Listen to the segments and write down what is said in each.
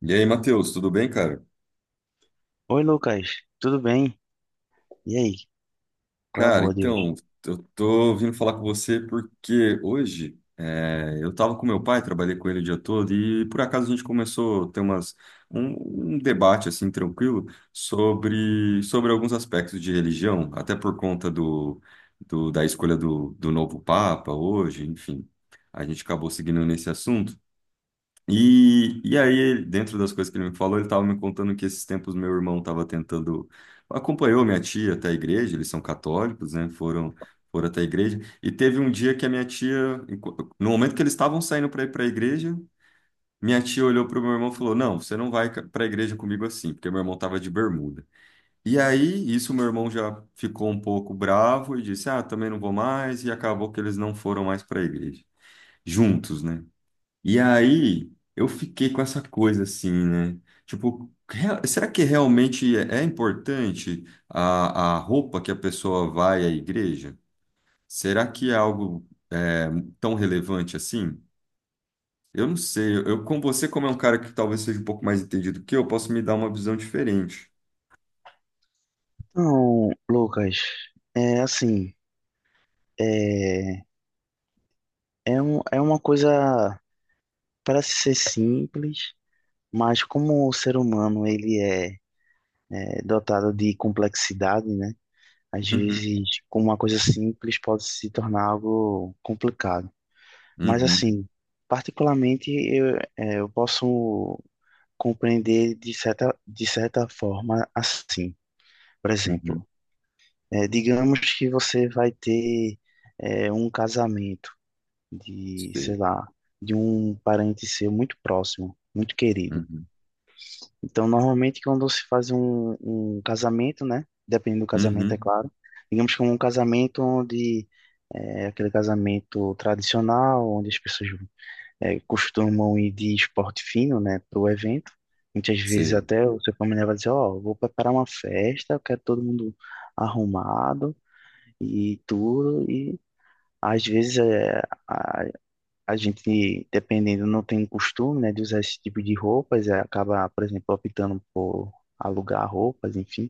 E aí, Matheus, tudo bem, cara? Oi, Lucas, tudo bem? E aí, qual é a Cara, boa de hoje? então, eu tô vindo falar com você porque hoje eu tava com meu pai, trabalhei com ele o dia todo e por acaso a gente começou a ter um debate assim tranquilo sobre alguns aspectos de religião, até por conta da escolha do novo Papa hoje, enfim. A gente acabou seguindo nesse assunto. E aí, dentro das coisas que ele me falou, ele estava me contando que esses tempos meu irmão estava tentando. Acompanhou minha tia até a igreja, eles são católicos, né? Foram até a igreja. E teve um dia que a minha tia, no momento que eles estavam saindo para ir para a igreja, minha tia olhou para o meu irmão e falou: Não, você não vai para a igreja comigo assim, porque meu irmão estava de bermuda. E aí, isso meu irmão já ficou um pouco bravo e disse: Ah, também não vou mais. E acabou que eles não foram mais para a igreja, juntos, né? E aí eu fiquei com essa coisa assim, né? Tipo, será que realmente é importante a roupa que a pessoa vai à igreja? Será que é algo tão relevante assim? Eu não sei. Eu, com você, como é um cara que talvez seja um pouco mais entendido que eu, posso me dar uma visão diferente. Então, Lucas, é assim, é, é uma coisa, parece ser simples, mas como o ser humano, ele é dotado de complexidade, né? Às Uhum, vezes, com uma coisa simples pode se tornar algo complicado. Mas uhum, assim, particularmente, eu posso compreender de certa forma assim. Por uhum. exemplo, digamos que você vai ter um casamento de, sei Sei. lá, de um parente seu muito próximo, muito querido. Uhum, Então, normalmente, quando se faz um casamento, né? Dependendo do casamento, é uhum. claro. Digamos que é um casamento onde é aquele casamento tradicional, onde as pessoas costumam ir de esporte fino, né, para o evento. Muitas vezes Sei, até o seu familiar vai dizer, ó, vou preparar uma festa, eu quero todo mundo arrumado e tudo. E às vezes a, a gente, dependendo, não tem costume, né, de usar esse tipo de roupas, é, acaba, por exemplo, optando por alugar roupas, enfim.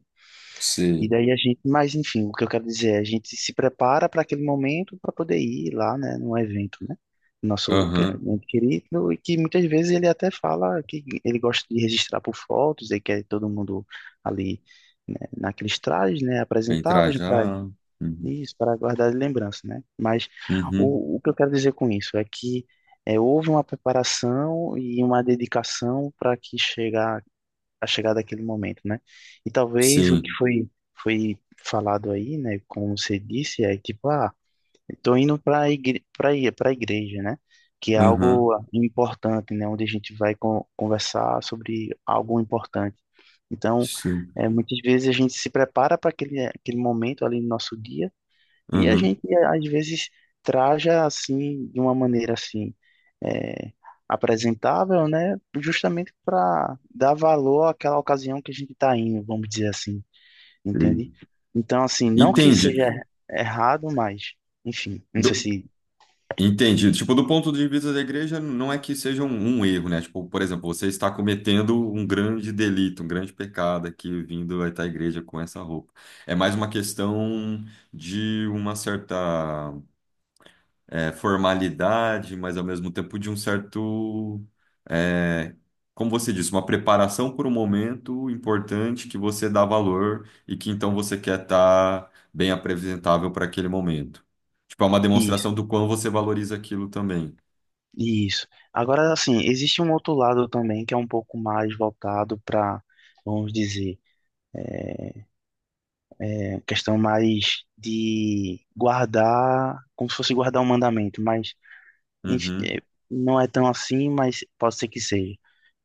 E sei. daí a gente, mas enfim, o que eu quero dizer é, a gente se prepara para aquele momento para poder ir lá, né, num evento, né? Nosso que- Aham. muito querido, e que muitas vezes ele até fala que ele gosta de registrar por fotos, ele quer todo mundo ali, né, naqueles trajes, né, Bem apresentáveis, trajado. Uhum, isso, para guardar de lembrança, né? Mas uhum. o que eu quero dizer com isso é que é, houve uma preparação e uma dedicação para que chegar daquele momento, né? E talvez o que Sim. foi falado aí, né? Como você disse, é tipo, ah, estou indo para a igreja, né? Que é Aham, algo importante, né? Onde a gente vai con- conversar sobre algo importante. Então, sim. é, muitas vezes a gente se prepara para aquele momento ali no nosso dia e a Uhum, gente, às vezes, traja assim, de uma maneira assim, é, apresentável, né? Justamente para dar valor àquela ocasião que a gente está indo, vamos dizer assim, sei. entende? Então, assim, não que Entendi. seja errado, mas, enfim, não sei Do- se. entendi. Tipo, do ponto de vista da igreja, não é que seja um erro, né? Tipo, por exemplo, você está cometendo um grande delito, um grande pecado aqui vindo até a igreja com essa roupa. É mais uma questão de uma certa formalidade, mas ao mesmo tempo de um certo, é, como você disse, uma preparação por um momento importante que você dá valor e que então você quer estar bem apresentável para aquele momento. Tipo, é uma Isso, demonstração do quão você valoriza aquilo também. isso. Agora, assim, existe um outro lado também que é um pouco mais voltado para, vamos dizer, é, questão mais de guardar, como se fosse guardar um mandamento, mas Enf- Uhum, eh, não é tão assim, mas pode ser que seja.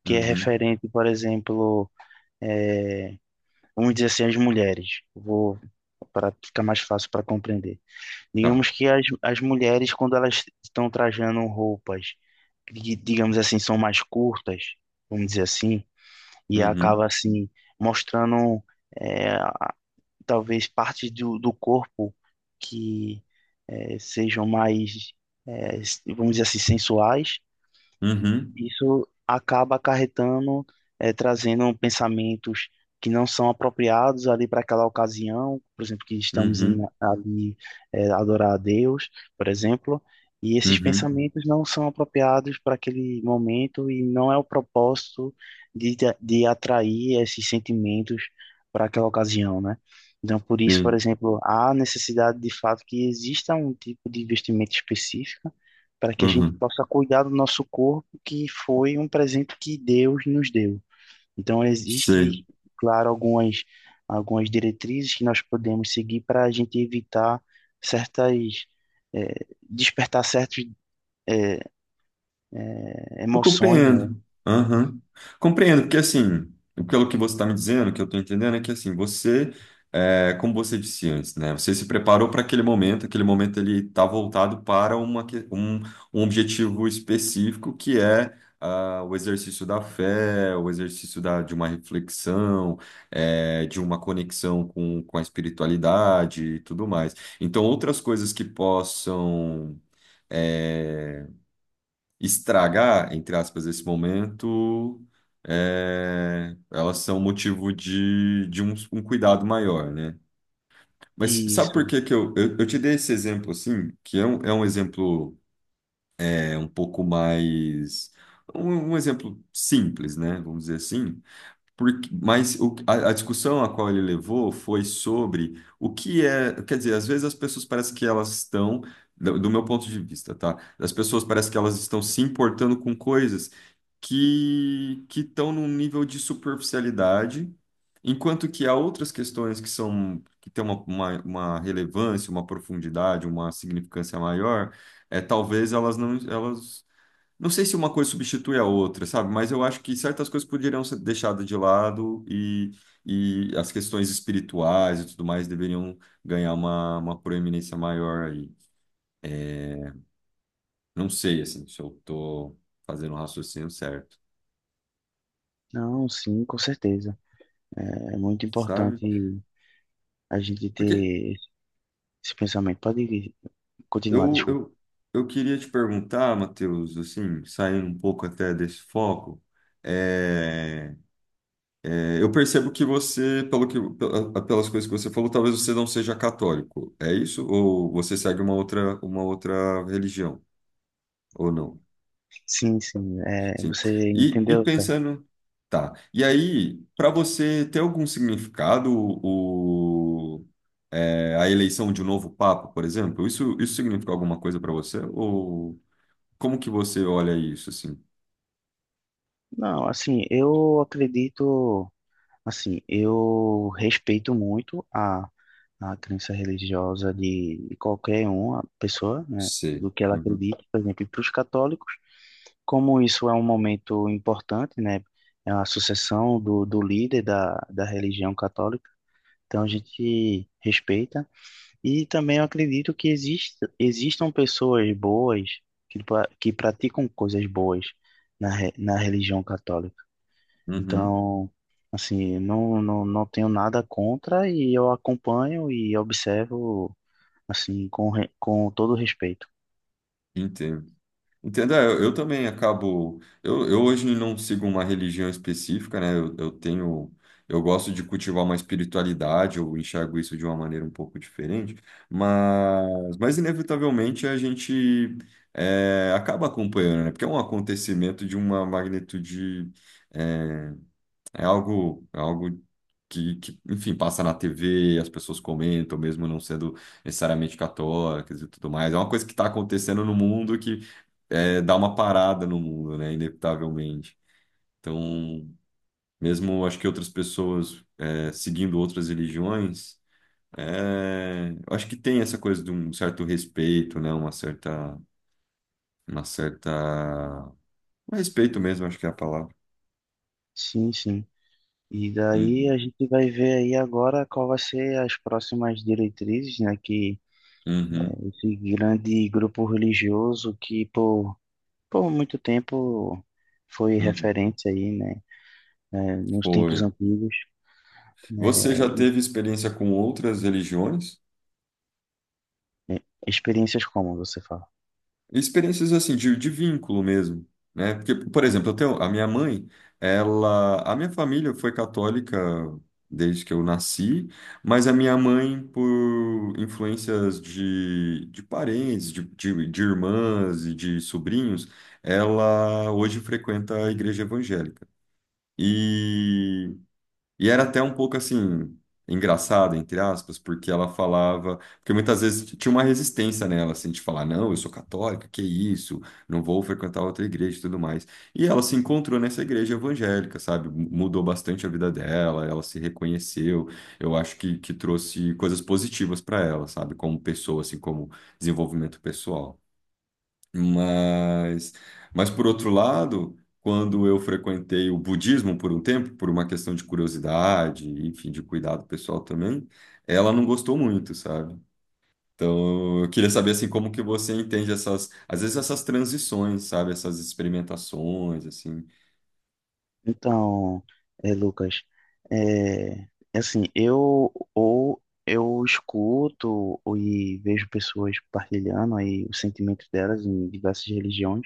Que é uhum, referente, por exemplo, vamos dizer assim, às mulheres. Vou, para ficar mais fácil para compreender. tá. Digamos que as mulheres, quando elas estão trajando roupas, que, digamos assim, são mais curtas, vamos dizer assim, e Uhum, acaba assim, mostrando, eh, a- talvez partes do corpo que sejam mais, eh, vamos dizer assim, sensuais. uhum, Isso acaba acarretando, trazendo pensamentos que não são apropriados ali para aquela ocasião, por exemplo, que uhum, ali adorar a Deus, por exemplo, e esses uhum, pensamentos não são apropriados para aquele momento e não é o propósito de atrair esses sentimentos para aquela ocasião, né? Então, por isso, por sim, exemplo, há necessidade de fato que exista um tipo de investimento específico para que a gente uhum, possa cuidar do nosso corpo, que foi um presente que Deus nos deu. Então, sei. existe, claro, algumas, algumas diretrizes que nós podemos seguir para a gente evitar certas, eh, despertar certas, eh, Eu emoções, né? compreendo. Aham. Compreendo, porque assim, pelo que você está me dizendo, o que eu estou entendendo é que assim, você, como você disse antes, né? Você se preparou para aquele momento ele está voltado para um objetivo específico que é o exercício da fé, o exercício de uma reflexão, de uma conexão com a espiritualidade e tudo mais. Então, outras coisas que possam. eh, Estragar, entre aspas, esse momento, elas são motivo de um cuidado maior, né? Mas sabe Isso. por que que eu te dei esse exemplo assim, que é é um exemplo um pouco mais. Um exemplo simples, né? Vamos dizer assim. Porque, mas a discussão a qual ele levou foi sobre o que é. Quer dizer, às vezes as pessoas parecem que elas estão, do meu ponto de vista, tá? As pessoas parecem que elas estão se importando com coisas que estão num nível de superficialidade, enquanto que há outras questões que são que têm uma relevância, uma profundidade, uma significância maior, talvez elas não sei se uma coisa substitui a outra, sabe? Mas eu acho que certas coisas poderiam ser deixadas de lado e as questões espirituais e tudo mais deveriam ganhar uma proeminência maior aí. Não sei, assim, se eu tô fazendo o raciocínio certo, Não, sim, com certeza. É muito sabe? importante a gente Porque ter esse pensamento. Pode continuar, eu, desculpa. eu, eu queria te perguntar, Matheus, assim, saindo um pouco até desse foco, eh, eu percebo que você, pelas coisas que você falou, talvez você não seja católico. É isso? Ou você segue uma outra religião? Ou não? Sim, sim, é, Sim. você E entendeu, certo? pensando, tá. E aí, para você ter algum significado, a eleição de um novo papa, por exemplo, isso significa alguma coisa para você? Ou como que você olha isso, assim? Não, assim, eu acredito. Assim, eu respeito muito a crença religiosa de qualquer uma pessoa, né, do Sei. que ela Uhum. acredita, por exemplo, para os católicos, como isso é um momento importante, né, é a sucessão do líder da religião católica, então a gente respeita. E também eu acredito que exista, existam pessoas boas que, que praticam coisas boas na religião católica. Uhum. Então, assim, não tenho nada contra e eu acompanho e observo, assim, com todo respeito. Entendo. Entendeu? É, eu também acabo. Eu hoje não sigo uma religião específica, né? Eu tenho. Eu gosto de cultivar uma espiritualidade, eu enxergo isso de uma maneira um pouco diferente, mas inevitavelmente a gente acaba acompanhando, né? Porque é um acontecimento de uma magnitude eh, é algo, enfim, passa na TV, as pessoas comentam, mesmo não sendo necessariamente católicas e tudo mais. É uma coisa que está acontecendo no mundo que dá uma parada no mundo, né? Inevitavelmente. Então, mesmo acho que outras pessoas seguindo outras religiões, eu acho que tem essa coisa de um certo respeito, né? Uma certa, um respeito mesmo, acho que é a palavra. Sim, sim. E daí Uhum, a gente vai ver aí agora qual vai ser as próximas diretrizes, né, que uhum, esse grande grupo religioso que por muito tempo foi uhum. referência aí, né, nos tempos Foi. antigos, Você já teve experiência com outras religiões? eh, experiências como você fala. Experiências assim, de vínculo mesmo, né? Porque, por exemplo, eu tenho, a minha mãe, ela, a minha família foi católica desde que eu nasci, mas a minha mãe, por influências de parentes, de irmãs e de sobrinhos, ela hoje frequenta a igreja evangélica. E E era até um pouco assim, engraçado, entre aspas, porque ela falava. Porque muitas vezes tinha uma resistência nela, assim, de falar: não, eu sou católica, que isso, não vou frequentar outra igreja e tudo mais. E ela se encontrou nessa igreja evangélica, sabe? Mudou bastante a vida dela, ela se reconheceu. Eu acho que trouxe coisas positivas para ela, sabe? Como pessoa, assim, como desenvolvimento pessoal. Mas, mas por outro lado, quando eu frequentei o budismo por um tempo, por uma questão de curiosidade, enfim, de cuidado pessoal também, ela não gostou muito, sabe? Então, eu queria saber assim como que você entende essas, às vezes essas transições, sabe? Essas experimentações, assim. Então, é, Lucas, é, é assim, eu escuto e vejo pessoas partilhando aí os sentimentos delas em diversas religiões,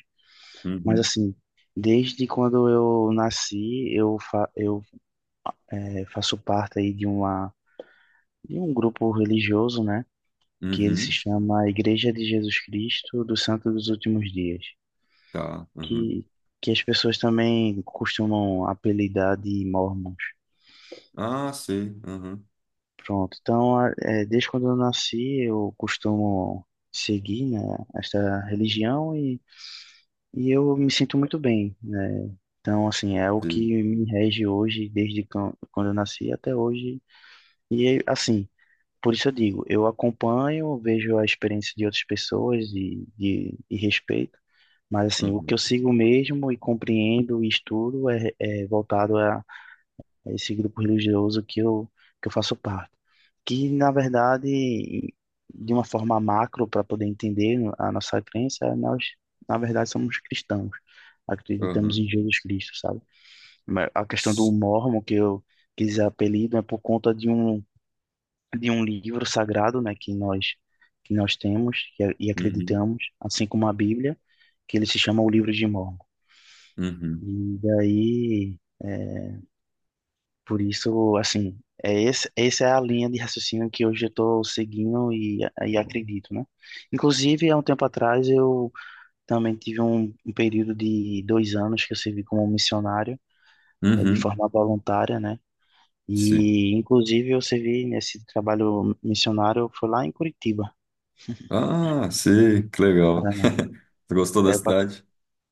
mas Uhum, assim, desde quando eu nasci, eu, é, faço parte aí de um grupo religioso, né, que ele se uhum, chama Igreja de Jesus Cristo dos Santos dos Últimos Dias, tá, uhum. que que as pessoas também costumam apelidar de Mormons. Ah, Pronto, então é, desde quando eu nasci eu costumo seguir, né, esta religião e eu me sinto muito bem, né? Então, assim, é o que sei, me rege hoje, quando eu nasci até hoje. E, é, assim, por isso eu digo, eu acompanho, vejo a experiência de outras pessoas e, de, e respeito, mas, assim, o que eu uhum, sigo mesmo e compreendo e estudo é voltado a esse grupo religioso que eu faço parte. Que, na verdade, de uma forma macro, para poder entender a nossa crença, nós, na verdade, somos cristãos. Acreditamos uhum, em Jesus Cristo, sabe? Mas a questão do s- mormon, que eu quis apelido, é por conta de um livro sagrado, né, que nós temos e, e uhum, acreditamos, assim como a Bíblia, que ele se chama o Livro de Mormon. uhum, E daí, é, por isso, assim, é esse, essa é a linha de raciocínio que hoje eu estou seguindo e acredito, né? Inclusive, há um tempo atrás, eu também tive um período de dois anos que eu servi como missionário, de uhum, forma voluntária, né? sei. E, inclusive, eu servi nesse trabalho missionário, foi lá em Curitiba, Ah, sim, que legal. Paraná. Tu gostou da Eh, Eu passe- cidade?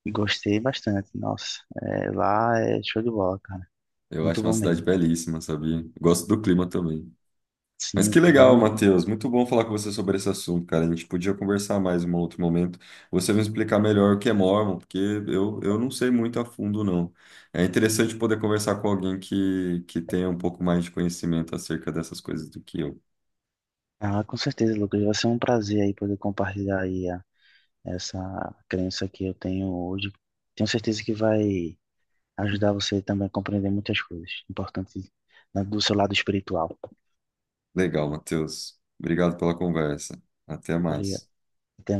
gostei bastante, nossa. Lá é show de bola, cara. Eu Muito acho uma bom cidade mesmo. belíssima, sabia? Gosto do clima também. Mas Sim, o que legal, clima. Matheus. Muito bom falar com você sobre esse assunto, cara. A gente podia conversar mais em um outro momento. Você me explicar melhor o que é Mormon, porque eu não sei muito a fundo, não. É interessante poder conversar com alguém que tenha um pouco mais de conhecimento acerca dessas coisas do que eu. Ah, com certeza, Lucas. Vai ser um prazer aí poder compartilhar aí essa crença que eu tenho hoje. Tenho certeza que vai ajudar você também a compreender muitas coisas importantes do seu lado espiritual. Legal, Matheus. Obrigado pela conversa. Até Obrigado. mais. Até